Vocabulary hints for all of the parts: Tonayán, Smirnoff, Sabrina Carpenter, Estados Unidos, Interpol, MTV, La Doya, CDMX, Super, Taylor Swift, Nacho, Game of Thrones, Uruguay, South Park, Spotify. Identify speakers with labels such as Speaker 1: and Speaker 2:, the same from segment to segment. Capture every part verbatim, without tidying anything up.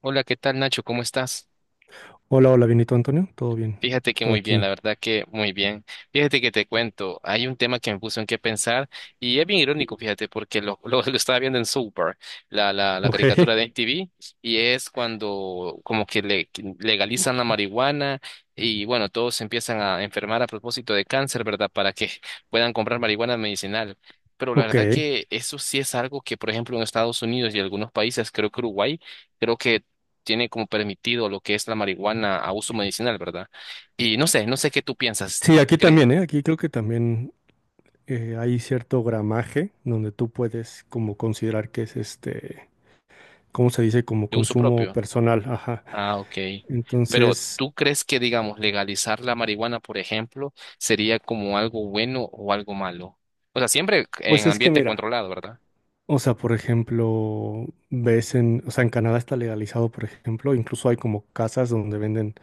Speaker 1: Hola, ¿qué tal Nacho? ¿Cómo estás?
Speaker 2: Hola, hola, bienito Antonio, todo bien
Speaker 1: Fíjate que
Speaker 2: por
Speaker 1: muy bien,
Speaker 2: aquí.
Speaker 1: la verdad que muy bien. Fíjate que te cuento, hay un tema que me puso en qué pensar y es bien irónico, fíjate, porque lo, lo, lo estaba viendo en Super, la, la, la
Speaker 2: Ok,
Speaker 1: caricatura de M T V, y es cuando como que le, legalizan la marihuana y bueno, todos se empiezan a enfermar a propósito de cáncer, ¿verdad? Para que puedan comprar marihuana medicinal. Pero la
Speaker 2: ok.
Speaker 1: verdad que eso sí es algo que, por ejemplo, en Estados Unidos y algunos países, creo que Uruguay, creo que tiene como permitido lo que es la marihuana a uso medicinal, ¿verdad? Y no sé, no sé qué tú piensas.
Speaker 2: Sí, aquí
Speaker 1: ¿Crees
Speaker 2: también, ¿eh? Aquí creo que también eh, hay cierto gramaje donde tú puedes como considerar que es este, ¿cómo se dice? Como
Speaker 1: de uso
Speaker 2: consumo
Speaker 1: propio?
Speaker 2: personal, ajá.
Speaker 1: Ah, ok. Pero
Speaker 2: Entonces,
Speaker 1: ¿tú crees que, digamos, legalizar la marihuana, por ejemplo, sería como algo bueno o algo malo? O sea, siempre en
Speaker 2: pues es que
Speaker 1: ambiente
Speaker 2: mira,
Speaker 1: controlado, ¿verdad?
Speaker 2: o sea, por ejemplo, ves en, o sea, en Canadá está legalizado, por ejemplo, incluso hay como casas donde venden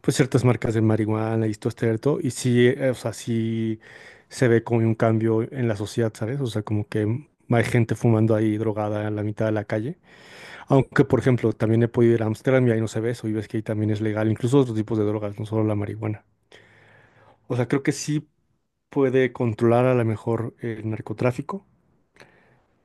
Speaker 2: pues ciertas marcas de marihuana y esto, cierto, y sí, eh, o sea, sí se ve como un cambio en la sociedad, ¿sabes? O sea, como que hay gente fumando ahí drogada en la mitad de la calle. Aunque, por ejemplo, también he podido ir a Ámsterdam y ahí no se ve eso, y ves que ahí también es legal, incluso otros tipos de drogas, no solo la marihuana. O sea, creo que sí puede controlar a lo mejor el narcotráfico,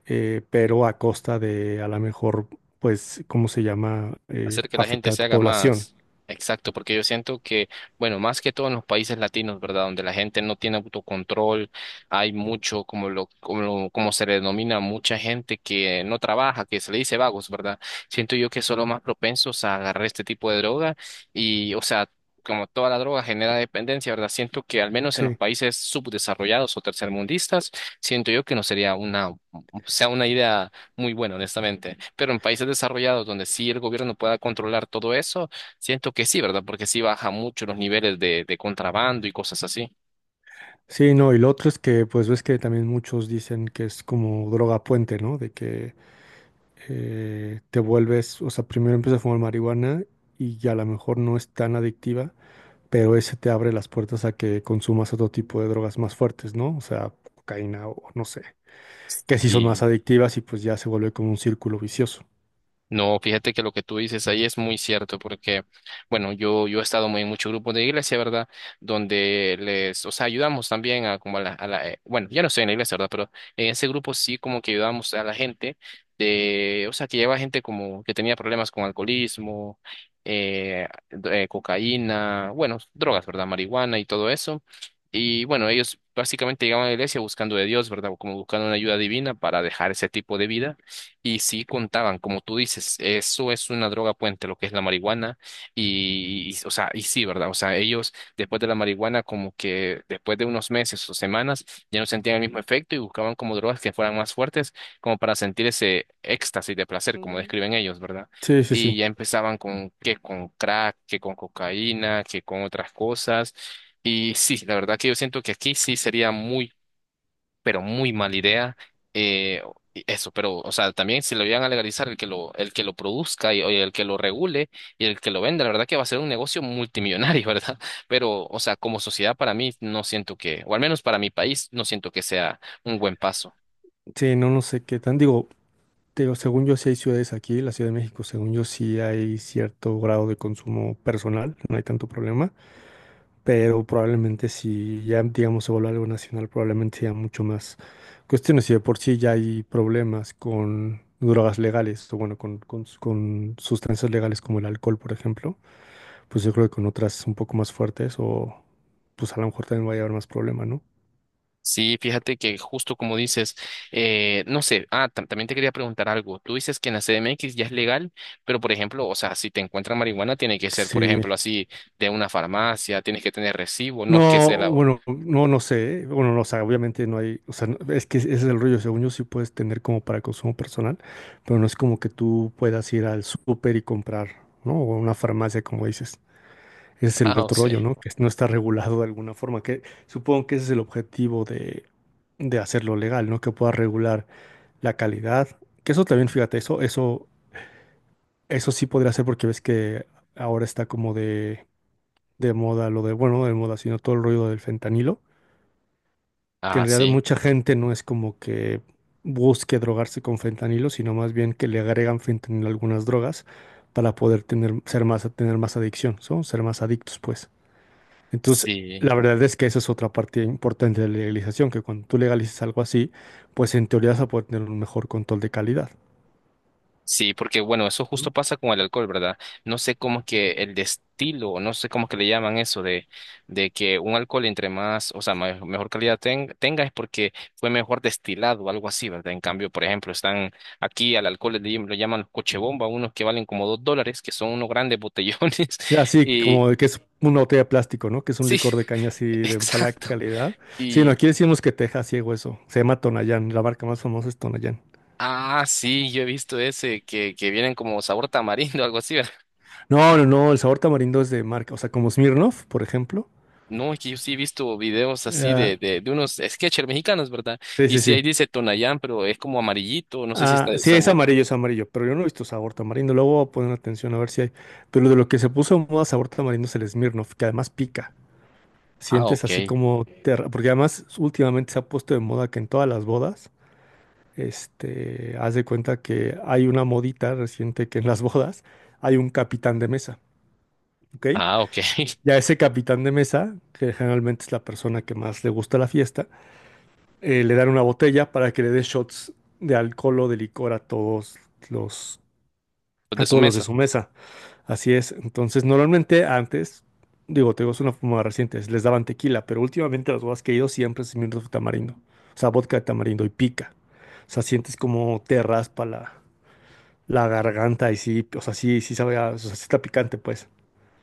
Speaker 2: eh, pero a costa de a lo mejor, pues, ¿cómo se llama? Eh,
Speaker 1: Hacer que la gente
Speaker 2: afectar a
Speaker 1: se
Speaker 2: tu
Speaker 1: haga
Speaker 2: población.
Speaker 1: más, exacto, porque yo siento que, bueno, más que todo en los países latinos, ¿verdad? Donde la gente no tiene autocontrol, hay mucho, como lo, como lo- como se le denomina, mucha gente que no trabaja, que se le dice vagos, ¿verdad? Siento yo que son los más propensos a agarrar este tipo de droga y, o sea, como toda la droga genera dependencia, ¿verdad? Siento que al menos en los
Speaker 2: Sí.
Speaker 1: países subdesarrollados o tercermundistas, siento yo que no sería una, o sea, una idea muy bueno, honestamente. Pero en países desarrollados donde sí el gobierno pueda controlar todo eso, siento que sí, ¿verdad? Porque sí baja mucho los niveles de, de contrabando y cosas así.
Speaker 2: Sí, no, y lo otro es que, pues ves que también muchos dicen que es como droga puente, ¿no? De que eh, te vuelves, o sea, primero empiezas a fumar marihuana y ya a lo mejor no es tan adictiva, pero ese te abre las puertas a que consumas otro tipo de drogas más fuertes, ¿no? O sea, cocaína o no sé, que sí son más adictivas y pues ya se vuelve como un círculo vicioso.
Speaker 1: No, fíjate que lo que tú dices ahí es muy cierto, porque, bueno, yo, yo he estado muy en muchos grupos de iglesia, ¿verdad? Donde les, o sea, ayudamos también a como a la, a la, eh, bueno, ya no estoy en la iglesia, ¿verdad? Pero en ese grupo sí como que ayudamos a la gente de, o sea, que lleva gente como que tenía problemas con alcoholismo, eh, do- eh, cocaína, bueno, drogas, ¿verdad? Marihuana y todo eso. Y bueno, ellos básicamente llegaban a la iglesia buscando de Dios, ¿verdad? Como buscando una ayuda divina para dejar ese tipo de vida y sí contaban, como tú dices, eso es una droga puente, lo que es la marihuana. Y, y, o sea, y sí, ¿verdad? O sea, ellos después de la marihuana, como que después de unos meses o semanas, ya no sentían el mismo efecto y buscaban como drogas que fueran más fuertes, como para sentir ese éxtasis de placer, como describen ellos, ¿verdad?
Speaker 2: Sí, sí, sí.
Speaker 1: Y ya empezaban con que con crack, que con cocaína, que con otras cosas. Y sí, la verdad que yo siento que aquí sí sería muy pero muy mala idea. eh, y eso, pero, o sea, también si lo llegan a legalizar, el que lo, el que lo produzca y, oye, el que lo regule y el que lo venda, la verdad que va a ser un negocio multimillonario, ¿verdad? Pero, o sea, como sociedad para mí no siento que, o al menos para mi país, no siento que sea un buen paso.
Speaker 2: Sí, no, no sé qué tan. Digo, te digo, según yo sí hay ciudades aquí, la Ciudad de México, según yo sí hay cierto grado de consumo personal, no hay tanto problema. Pero probablemente si ya, digamos, se vuelve algo nacional, probablemente sea mucho más cuestiones. Si de por sí ya hay problemas con drogas legales, o bueno, con, con, con sustancias legales como el alcohol, por ejemplo, pues yo creo que con otras un poco más fuertes o pues a lo mejor también vaya a haber más problema, ¿no?
Speaker 1: Sí, fíjate que justo como dices, eh, no sé, ah, tam- también te quería preguntar algo. Tú dices que en la C D M X ya es legal, pero por ejemplo, o sea, si te encuentran marihuana, tiene que ser, por
Speaker 2: Sí,
Speaker 1: ejemplo, así de una farmacia, tienes que tener recibo, no es que
Speaker 2: no,
Speaker 1: sea la,
Speaker 2: bueno, no, no sé, ¿eh? Bueno, no, o sea, obviamente no hay, o sea, no- es que ese es el rollo, según yo sí puedes tener como para consumo personal, pero no es como que tú puedas ir al súper y comprar, ¿no? O a una farmacia, como dices. Ese es el
Speaker 1: ah, o
Speaker 2: otro
Speaker 1: sea.
Speaker 2: rollo, ¿no? Que no está regulado de alguna forma, que supongo que ese es el objetivo de, de hacerlo legal, ¿no? Que pueda regular la calidad, que eso también, fíjate, eso, eso, eso sí podría ser porque ves que ahora está como de, de moda lo de, bueno, no de moda, sino todo el rollo del fentanilo que
Speaker 1: Ah,
Speaker 2: en realidad
Speaker 1: sí.
Speaker 2: mucha gente no es como que busque drogarse con fentanilo, sino más bien que le agregan fentanilo a algunas drogas para poder tener, ser más, tener más adicción, ¿so? Ser más adictos, pues. Entonces,
Speaker 1: Sí.
Speaker 2: la verdad es que esa es otra parte importante de la legalización, que cuando tú legalices algo así, pues en teoría vas a poder tener un mejor control de calidad,
Speaker 1: Sí, porque bueno, eso
Speaker 2: ¿no?
Speaker 1: justo pasa con el alcohol, ¿verdad? No sé cómo que el destilo, no sé cómo que le llaman eso de, de que un alcohol entre más, o sea, me- mejor calidad ten- tenga es porque fue mejor destilado o algo así, ¿verdad? En cambio, por ejemplo, están aquí al alcohol le, llam- lo llaman los coche bomba, unos que valen como dos dólares, que son unos grandes botellones.
Speaker 2: Y así
Speaker 1: Y
Speaker 2: como de que es una botella de plástico, ¿no? Que es un
Speaker 1: sí,
Speaker 2: licor de caña así de mala
Speaker 1: exacto.
Speaker 2: calidad. Sí, no,
Speaker 1: Y
Speaker 2: aquí decimos que te deja ciego eso. Se llama Tonayán, la marca más famosa es Tonayán.
Speaker 1: ah, sí, yo he visto ese que, que vienen como sabor tamarindo, algo así.
Speaker 2: No, no, no, el sabor tamarindo es de marca, o sea, como Smirnoff, por ejemplo.
Speaker 1: No, es que yo sí he visto videos así
Speaker 2: Ah,
Speaker 1: de, de, de unos sketchers mexicanos, ¿verdad?
Speaker 2: sí,
Speaker 1: Y
Speaker 2: sí,
Speaker 1: sí ahí
Speaker 2: sí.
Speaker 1: dice Tonayán, pero es como amarillito, no sé si está
Speaker 2: Ah,
Speaker 1: de
Speaker 2: sí, es
Speaker 1: sabor.
Speaker 2: amarillo, es amarillo, pero yo no he visto sabor tamarindo. Luego voy a poner atención a ver si hay. Pero de lo que se puso en moda sabor tamarindo es el Smirnoff, que además pica.
Speaker 1: Ah,
Speaker 2: Sientes
Speaker 1: ok.
Speaker 2: así como te arra- porque además últimamente se ha puesto de moda que en todas las bodas, este, haz de cuenta que hay una modita reciente que en las bodas hay un capitán de mesa, ¿ok?
Speaker 1: Ah, ok.
Speaker 2: Ya ese capitán de mesa, que generalmente es la persona que más le gusta la fiesta, eh, le dan una botella para que le dé shots de alcohol o de licor a todos los,
Speaker 1: Pues de
Speaker 2: a
Speaker 1: su
Speaker 2: todos los de
Speaker 1: mesa.
Speaker 2: su mesa. Así es. Entonces, normalmente antes, digo, te digo, es una forma reciente, les daban tequila, pero últimamente a los bodas que he ido siempre es mirro de tamarindo. O sea, vodka de tamarindo y pica. O sea, sientes como te raspa la, la garganta y sí, o sea, sí, sí sabe, a- o sea, sí está picante, pues.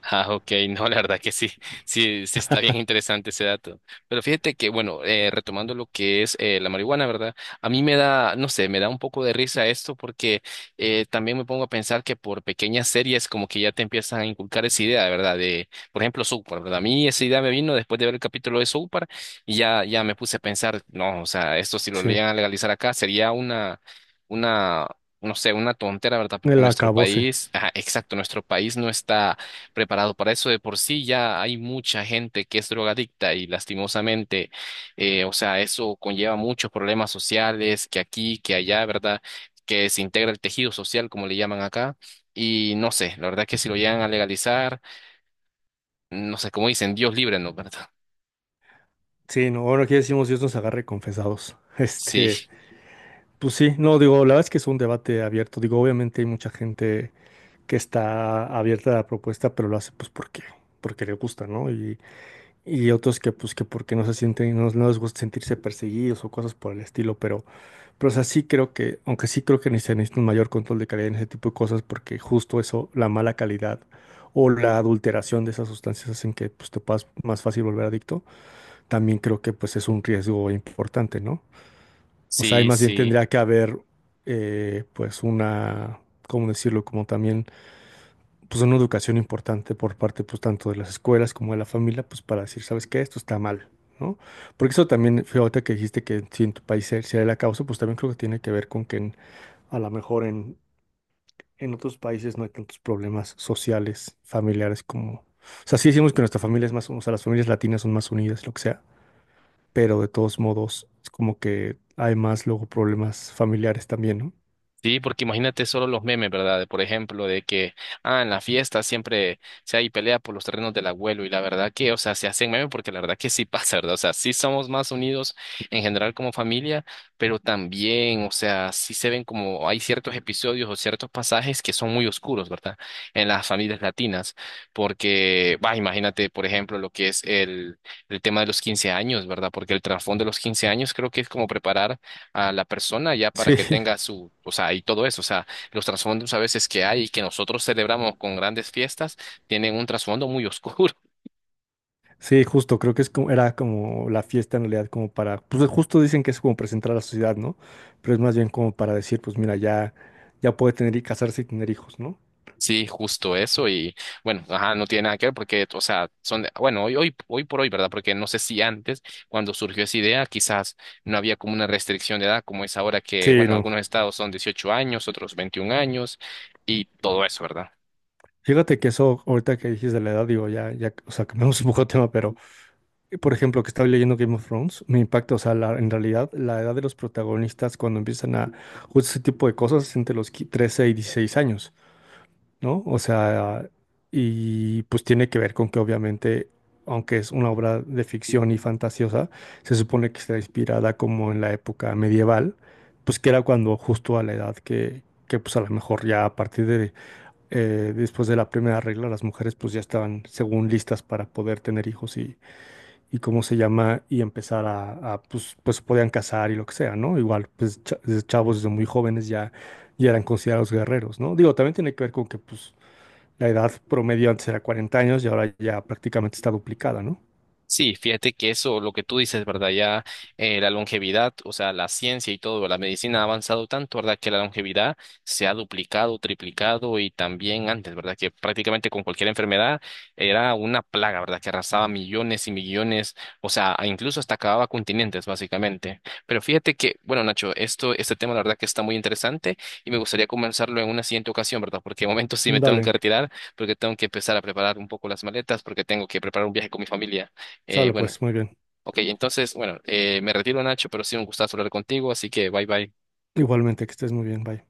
Speaker 1: Ah, ok, no, la verdad que sí, sí, sí está bien interesante ese dato. Pero fíjate que, bueno, eh, retomando lo que es eh, la marihuana, ¿verdad? A mí me da, no sé, me da un poco de risa esto porque eh, también me pongo a pensar que por pequeñas series como que ya te empiezan a inculcar esa idea, ¿verdad? De, por ejemplo, South Park, ¿verdad? A mí esa idea me vino después de ver el capítulo de South Park y ya, ya me puse a pensar, no, o sea, esto si lo
Speaker 2: Sí,
Speaker 1: llegan a legalizar acá sería una, una, no sé, una tontera, ¿verdad? Porque
Speaker 2: el
Speaker 1: nuestro
Speaker 2: acabose.
Speaker 1: país, ajá, exacto, nuestro país no está preparado para eso. De por sí ya hay mucha gente que es drogadicta y lastimosamente, eh, o sea, eso conlleva muchos problemas sociales, que aquí, que allá, ¿verdad? Que se integra el tejido social, como le llaman acá. Y no sé, la verdad que si lo llegan a legalizar, no sé, como dicen, Dios libre, ¿no? ¿Verdad?
Speaker 2: Sí, no, bueno, aquí decimos Dios nos agarre confesados.
Speaker 1: Sí,
Speaker 2: Este, pues sí, no, digo, la verdad es que es un debate abierto. Digo, obviamente hay mucha gente que está abierta a la propuesta, pero lo hace pues porque, porque le gusta, ¿no? Y, y otros que pues que porque no se sienten, no, no les gusta sentirse perseguidos o cosas por el estilo, pero, pero o sea, sí creo que, aunque sí creo que necesitan necesita un mayor control de calidad en ese tipo de cosas, porque justo eso, la mala calidad o la adulteración de esas sustancias hacen que pues te puedas más fácil volver adicto, también creo que pues es un riesgo importante, ¿no? O sea, y
Speaker 1: sí,
Speaker 2: más bien
Speaker 1: sí.
Speaker 2: tendría que haber, eh, pues, una, ¿cómo decirlo? Como también, pues, una educación importante por parte, pues, tanto de las escuelas como de la familia, pues, para decir, ¿sabes qué? Esto está mal, ¿no? Porque eso también, fíjate que dijiste que si en tu país se se da la causa, pues, también creo que tiene que ver con que en- a lo mejor en, en otros países no hay tantos problemas sociales, familiares como... O sea, sí decimos que nuestra familia es más, o sea, las familias latinas son más unidas, lo que sea, pero de todos modos, es como que hay más luego problemas familiares también, ¿no?
Speaker 1: Sí, porque imagínate solo los memes, ¿verdad? De, por ejemplo, de que, ah, en la fiesta siempre se hay pelea por los terrenos del abuelo y la verdad que, o sea, se hacen memes porque la verdad que sí pasa, ¿verdad? O sea, sí somos más unidos en general como familia, pero también, o sea, sí se ven como hay ciertos episodios o ciertos pasajes que son muy oscuros, ¿verdad? En las familias latinas, porque, va, imagínate, por ejemplo, lo que es el, el tema de los quince años, ¿verdad? Porque el trasfondo de los quince años creo que es como preparar a la persona ya para
Speaker 2: Sí,
Speaker 1: que tenga su, o sea, y todo eso, o sea, los trasfondos a veces que hay y que nosotros celebramos con grandes fiestas tienen un trasfondo muy oscuro.
Speaker 2: sí, justo, creo que es como, era como la fiesta en realidad, como para, pues justo dicen que es como presentar a la sociedad, ¿no? Pero es más bien como para decir, pues mira, ya, ya puede tener y casarse y tener hijos, ¿no?
Speaker 1: Sí, justo eso y bueno, ajá, no tiene nada que ver porque, o sea, son, de- bueno, hoy, hoy, hoy por hoy, ¿verdad? Porque no sé si antes, cuando surgió esa idea, quizás no había como una restricción de edad como es ahora que,
Speaker 2: Sí,
Speaker 1: bueno,
Speaker 2: no.
Speaker 1: algunos estados son dieciocho años, otros veintiún años y todo eso, ¿verdad?
Speaker 2: Fíjate que eso, ahorita que dijiste de la edad, digo, ya, ya, o sea, cambiamos un poco de tema, pero, eh, por ejemplo, que estaba leyendo Game of Thrones, me impacta, o sea, la- en realidad, la edad de los protagonistas cuando empiezan a, justo ese tipo de cosas, es entre los qui- trece y dieciséis años. ¿No? O sea, y pues tiene que ver con que obviamente, aunque es una obra de ficción y fantasiosa, se supone que está inspirada como en la época medieval, pues que era cuando justo a la edad que, que pues a lo mejor ya a partir de, eh, después de la primera regla, las mujeres pues ya estaban según listas para poder tener hijos y, y cómo se llama, y empezar a, a, pues, pues podían casar y lo que sea, ¿no? Igual, pues cha- desde chavos desde muy jóvenes ya, ya eran considerados guerreros, ¿no? Digo, también tiene que ver con que pues la edad promedio antes era cuarenta años y ahora ya prácticamente está duplicada, ¿no?
Speaker 1: Sí, fíjate que eso, lo que tú dices, ¿verdad? Ya eh, la longevidad, o sea, la ciencia y todo, la medicina ha avanzado tanto, ¿verdad? Que la longevidad se ha duplicado, triplicado y también antes, ¿verdad? Que prácticamente con cualquier enfermedad era una plaga, ¿verdad? Que arrasaba millones y millones, o sea, a- incluso hasta acababa continentes, básicamente. Pero fíjate que, bueno, Nacho, esto, este tema, la verdad que está muy interesante y me gustaría comenzarlo en una siguiente ocasión, ¿verdad? Porque de momento sí me tengo que
Speaker 2: Dale,
Speaker 1: retirar porque tengo que empezar a preparar un poco las maletas porque tengo que preparar un viaje con mi familia. Eh,
Speaker 2: sale
Speaker 1: bueno,
Speaker 2: pues, muy bien.
Speaker 1: ok, entonces, bueno, eh, me retiro, Nacho, pero sí un gustazo hablar contigo, así que bye bye.
Speaker 2: Igualmente, que estés muy bien, bye.